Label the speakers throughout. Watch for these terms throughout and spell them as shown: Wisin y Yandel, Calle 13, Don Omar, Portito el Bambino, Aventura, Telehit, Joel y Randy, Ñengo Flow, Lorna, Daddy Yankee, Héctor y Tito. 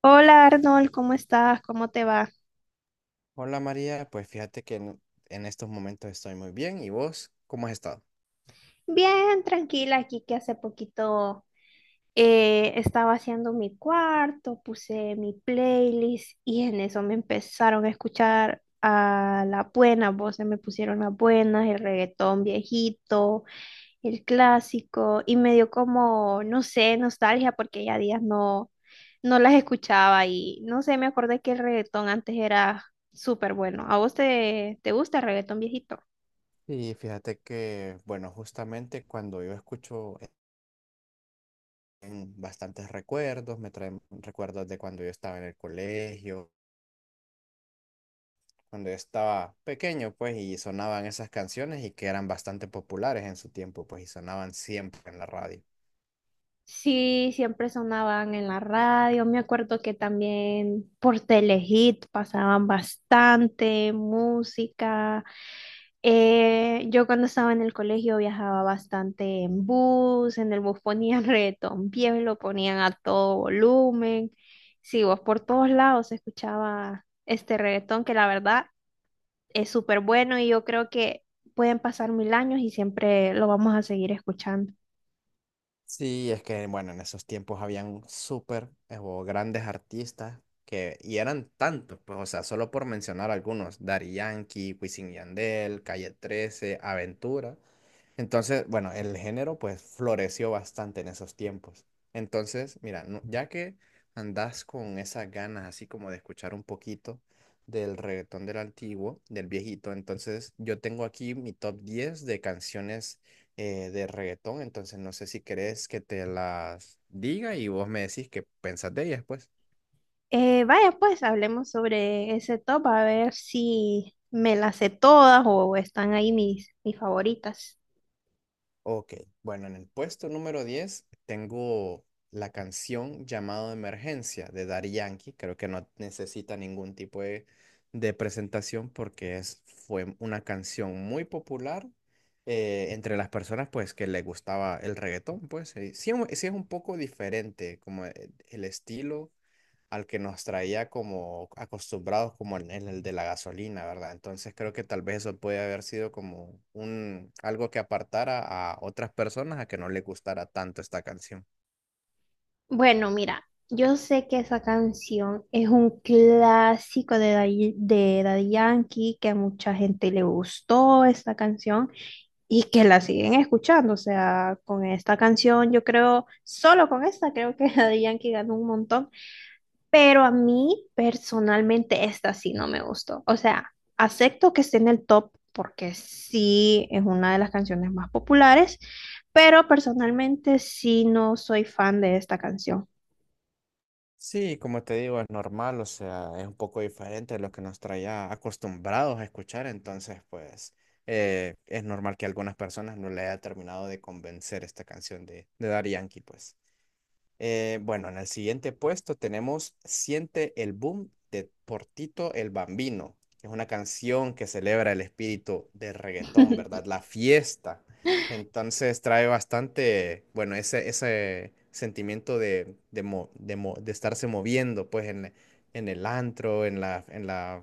Speaker 1: Hola Arnold, ¿cómo estás? ¿Cómo te va?
Speaker 2: Hola María, pues fíjate que en estos momentos estoy muy bien. ¿Y vos cómo has estado?
Speaker 1: Bien, tranquila, aquí que hace poquito estaba haciendo mi cuarto, puse mi playlist y en eso me empezaron a escuchar a las buenas voces, me pusieron las buenas, el reggaetón viejito, el clásico y me dio como, no sé, nostalgia porque ya días no las escuchaba y no sé, me acordé que el reggaetón antes era súper bueno. ¿A vos te gusta el reggaetón viejito?
Speaker 2: Y fíjate que, bueno, justamente cuando yo escucho en bastantes recuerdos, me traen recuerdos de cuando yo estaba en el colegio, cuando yo estaba pequeño, pues, y sonaban esas canciones y que eran bastante populares en su tiempo, pues, y sonaban siempre en la radio.
Speaker 1: Sí, siempre sonaban en la radio. Me acuerdo que también por Telehit pasaban bastante música. Yo cuando estaba en el colegio viajaba bastante en bus, en el bus ponían reggaetón viejo, lo ponían a todo volumen. Sí, vos por todos lados se escuchaba este reggaetón que la verdad es súper bueno y yo creo que pueden pasar mil años y siempre lo vamos a seguir escuchando.
Speaker 2: Sí, es que, bueno, en esos tiempos habían súper o grandes artistas que, y eran tantos, pues, o sea, solo por mencionar algunos, Daddy Yankee, Wisin y Yandel, Calle 13, Aventura. Entonces, bueno, el género pues floreció bastante en esos tiempos. Entonces, mira, ya que andas con esas ganas así como de escuchar un poquito del reggaetón del antiguo, del viejito, entonces yo tengo aquí mi top 10 de canciones de reggaetón, entonces no sé si querés que te las diga y vos me decís qué pensás de ellas, pues.
Speaker 1: Vaya, pues hablemos sobre ese top, a ver si me las sé todas o están ahí mis favoritas.
Speaker 2: Ok, bueno, en el puesto número 10 tengo la canción Llamado de Emergencia de Daddy Yankee. Creo que no necesita ningún tipo de presentación porque es, fue una canción muy popular entre las personas pues que les gustaba el reggaetón, pues sí, es sí es un poco diferente como el estilo al que nos traía como acostumbrados como en el de la gasolina, ¿verdad? Entonces creo que tal vez eso puede haber sido como un algo que apartara a otras personas a que no les gustara tanto esta canción.
Speaker 1: Bueno, mira, yo sé que esa canción es un clásico de de Daddy Yankee, que a mucha gente le gustó esta canción y que la siguen escuchando. O sea, con esta canción, yo creo, solo con esta, creo que Daddy Yankee ganó un montón. Pero a mí personalmente esta sí no me gustó. O sea, acepto que esté en el top porque sí es una de las canciones más populares, pero personalmente sí no soy fan de esta canción.
Speaker 2: Sí, como te digo, es normal, o sea, es un poco diferente de lo que nos traía acostumbrados a escuchar, entonces pues es normal que a algunas personas no le haya terminado de convencer esta canción de Daddy Yankee, pues. Bueno, en el siguiente puesto tenemos Siente el Boom de Portito el Bambino, que es una canción que celebra el espíritu del reggaetón, ¿verdad? La fiesta. Entonces trae bastante, bueno, ese sentimiento de estarse moviendo, pues, en el antro, en la,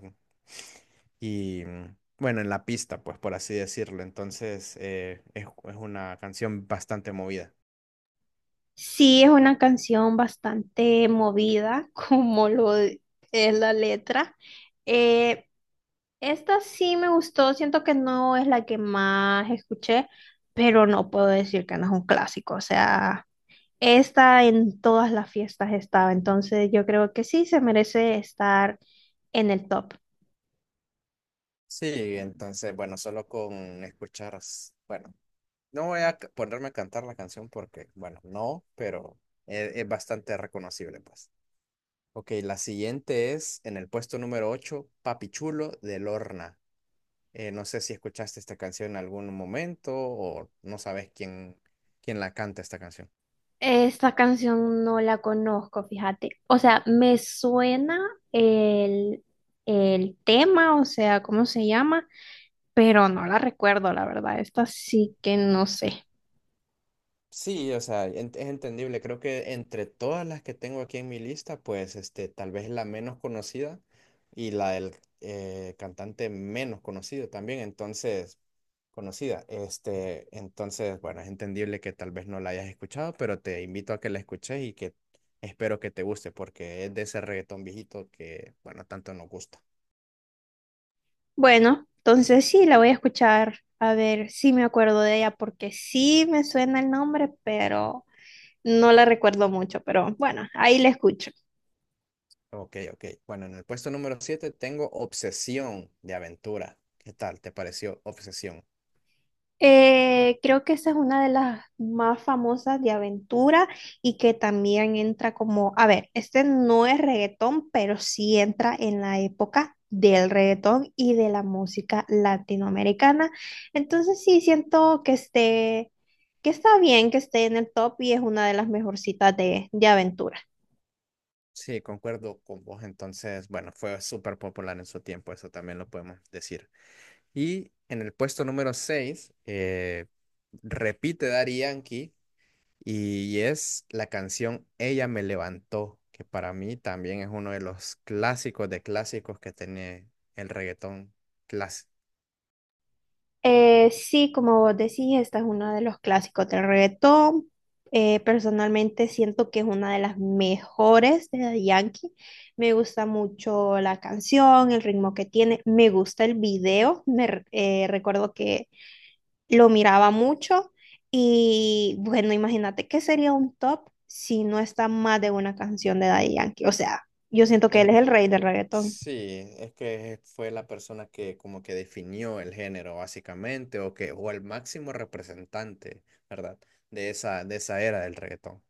Speaker 2: y mm, bueno, en la pista, pues, por así decirlo. Entonces es una canción bastante movida.
Speaker 1: Sí es una canción bastante movida, como lo es la letra. Eh, Esta sí me gustó, siento que no es la que más escuché, pero no puedo decir que no es un clásico. O sea, esta en todas las fiestas estaba, entonces yo creo que sí se merece estar en el top.
Speaker 2: Sí, entonces, bueno, solo con escuchar, bueno, no voy a ponerme a cantar la canción porque, bueno, no, pero es, bastante reconocible, pues. Ok, la siguiente es en el puesto número 8, Papi Chulo de Lorna. No sé si escuchaste esta canción en algún momento o no sabes quién la canta esta canción.
Speaker 1: Esta canción no la conozco, fíjate. O sea, me suena el, el tema, o sea, cómo se llama, pero no la recuerdo, la verdad. Esta sí que no sé.
Speaker 2: Sí, o sea, es entendible. Creo que entre todas las que tengo aquí en mi lista, pues este, tal vez la menos conocida y la del cantante menos conocido también, entonces, conocida. Este, entonces, bueno, es entendible que tal vez no la hayas escuchado, pero te invito a que la escuches y que espero que te guste, porque es de ese reggaetón viejito que, bueno, tanto nos gusta.
Speaker 1: Bueno, entonces sí, la voy a escuchar a ver si me acuerdo de ella, porque sí me suena el nombre, pero no la recuerdo mucho. Pero bueno, ahí la escucho.
Speaker 2: Ok, ok. Bueno, en el puesto número 7 tengo Obsesión de Aventura. ¿Qué tal? ¿Te pareció Obsesión?
Speaker 1: Creo que esa es una de las más famosas de aventura y que también entra como, a ver, este no es reggaetón, pero sí entra en la época del reggaetón y de la música latinoamericana. Entonces sí siento que que está bien que esté en el top y es una de las mejorcitas de aventura.
Speaker 2: Sí, concuerdo con vos. Entonces, bueno, fue súper popular en su tiempo, eso también lo podemos decir. Y en el puesto número 6 repite Daddy Yankee y es la canción Ella me levantó, que para mí también es uno de los clásicos de clásicos que tiene el reggaetón clásico.
Speaker 1: Sí, como vos decís, esta es uno de los clásicos del reggaetón. Personalmente siento que es una de las mejores de Daddy Yankee. Me gusta mucho la canción, el ritmo que tiene. Me gusta el video. Recuerdo que lo miraba mucho. Y bueno, imagínate qué sería un top si no está más de una canción de Daddy Yankee. O sea, yo siento que él es el rey del reggaetón.
Speaker 2: Sí, es que fue la persona que como que definió el género básicamente o que o el máximo representante, ¿verdad? De esa era del reggaetón.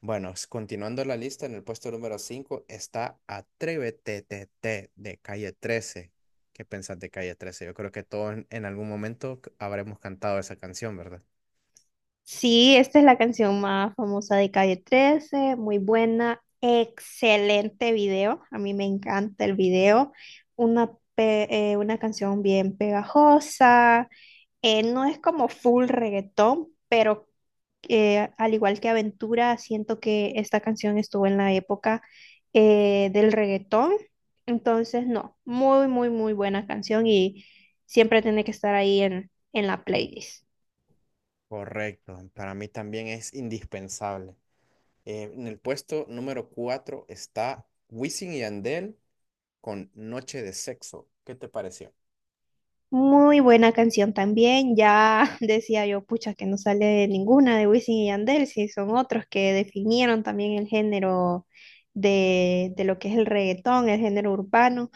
Speaker 2: Bueno, continuando la lista, en el puesto número 5 está Atrévete TT de Calle 13. ¿Qué pensás de Calle 13? Yo creo que todos en, en algún momento habremos cantado esa canción, ¿verdad?
Speaker 1: Sí, esta es la canción más famosa de Calle 13, muy buena, excelente video, a mí me encanta el video, una canción bien pegajosa, no es como full reggaetón, pero al igual que Aventura, siento que esta canción estuvo en la época del reggaetón, entonces no, muy, muy, muy buena canción y siempre tiene que estar ahí en la playlist.
Speaker 2: Correcto, para mí también es indispensable. En el puesto número 4 está Wisin y Yandel con Noche de Sexo. ¿Qué te pareció?
Speaker 1: Muy buena canción también. Ya decía yo, pucha, que no sale ninguna de Wisin y Yandel, si son otros que definieron también el género de lo que es el reggaetón, el género urbano.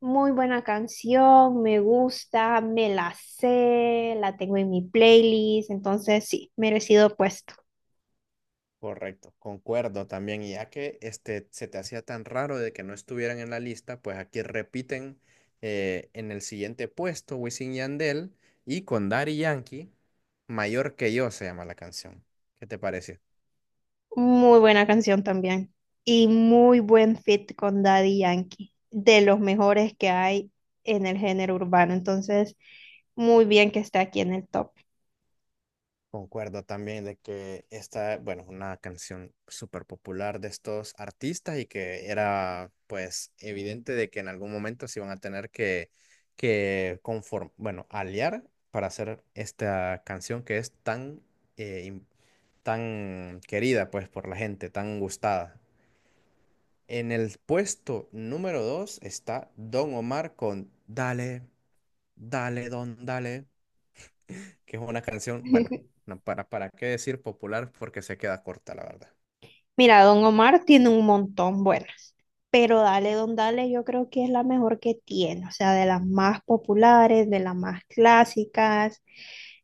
Speaker 1: Muy buena canción, me gusta, me la sé, la tengo en mi playlist, entonces sí, merecido puesto.
Speaker 2: Correcto, concuerdo también. Y ya que este, se te hacía tan raro de que no estuvieran en la lista, pues aquí repiten en el siguiente puesto Wisin y Yandel y con Daddy Yankee, Mayor que yo se llama la canción. ¿Qué te pareció?
Speaker 1: Muy buena canción también. Y muy buen fit con Daddy Yankee. De los mejores que hay en el género urbano. Entonces, muy bien que esté aquí en el top.
Speaker 2: Concuerdo también de que esta, bueno, es una canción súper popular de estos artistas y que era pues evidente de que en algún momento se iban a tener que bueno, aliar para hacer esta canción que es eh, im- tan querida pues por la gente, tan gustada. En el puesto número dos está Don Omar con Dale, dale, don, dale que es una canción, bueno, no, para qué decir popular porque se queda corta, la verdad.
Speaker 1: Mira, Don Omar tiene un montón buenas, pero Dale Don Dale yo creo que es la mejor que tiene, o sea, de las más populares, de las más clásicas.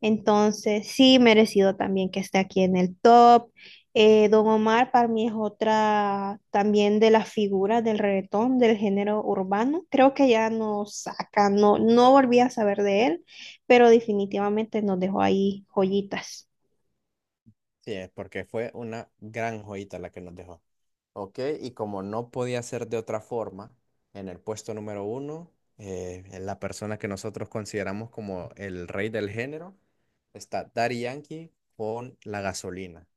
Speaker 1: Entonces, sí, merecido también que esté aquí en el top. Don Omar para mí es otra también de las figuras del reggaetón, del género urbano. Creo que ya no saca, no volví a saber de él, pero definitivamente nos dejó ahí joyitas.
Speaker 2: Sí, es porque fue una gran joyita la que nos dejó. Ok, y como no podía ser de otra forma, en el puesto número uno, en la persona que nosotros consideramos como el rey del género, está Daddy Yankee con La Gasolina.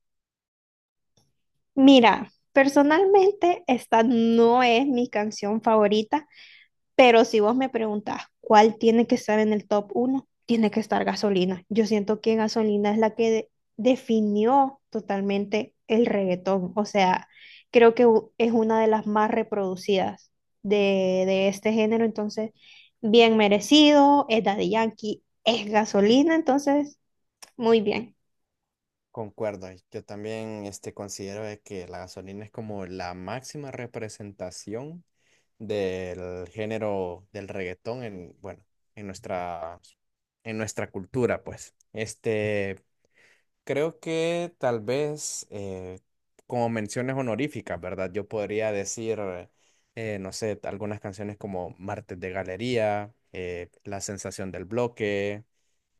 Speaker 1: Mira, personalmente esta no es mi canción favorita, pero si vos me preguntás cuál tiene que estar en el top uno, tiene que estar Gasolina. Yo siento que Gasolina es la que definió totalmente el reggaetón. O sea, creo que es una de las más reproducidas de este género, entonces bien merecido, es Daddy Yankee, es Gasolina, entonces muy bien.
Speaker 2: Concuerdo, y yo también este, considero de que la gasolina es como la máxima representación del género del reggaetón en, bueno, en nuestra, en nuestra cultura, pues. Este, creo que tal vez como menciones honoríficas, ¿verdad? Yo podría decir, no sé, algunas canciones como Martes de Galería, La Sensación del Bloque,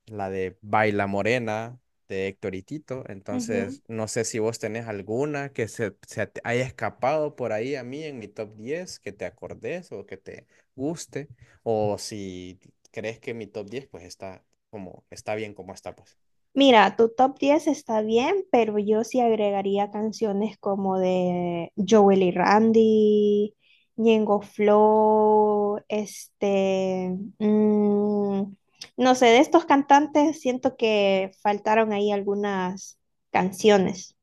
Speaker 2: la de Baila Morena de Héctor y Tito. Entonces, no sé si vos tenés alguna que se te haya escapado por ahí a mí en mi top 10 que te acordes o que te guste, o si crees que mi top 10 pues está como está bien como está pues.
Speaker 1: Mira, tu top 10 está bien, pero yo sí agregaría canciones como de Joel y Randy, Ñengo Flow, este, no sé, de estos cantantes siento que faltaron ahí algunas canciones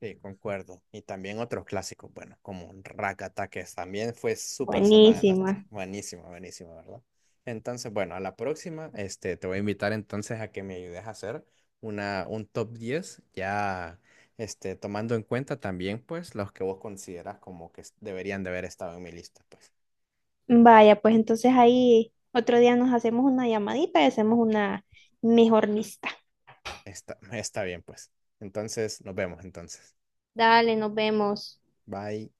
Speaker 2: Sí, concuerdo. Y también otros clásicos, bueno, como Rakata, que también fue súper sonada, ¿no?
Speaker 1: buenísimas.
Speaker 2: Buenísima, buenísima, ¿verdad? Entonces, bueno, a la próxima, este, te voy a invitar entonces a que me ayudes a hacer una, un top 10, ya este, tomando en cuenta también, pues, los que vos consideras como que deberían de haber estado en mi lista, pues.
Speaker 1: Vaya, pues entonces ahí otro día nos hacemos una llamadita y hacemos una mejor lista.
Speaker 2: Está, está bien, pues. Entonces, nos vemos entonces.
Speaker 1: Dale, nos vemos.
Speaker 2: Bye.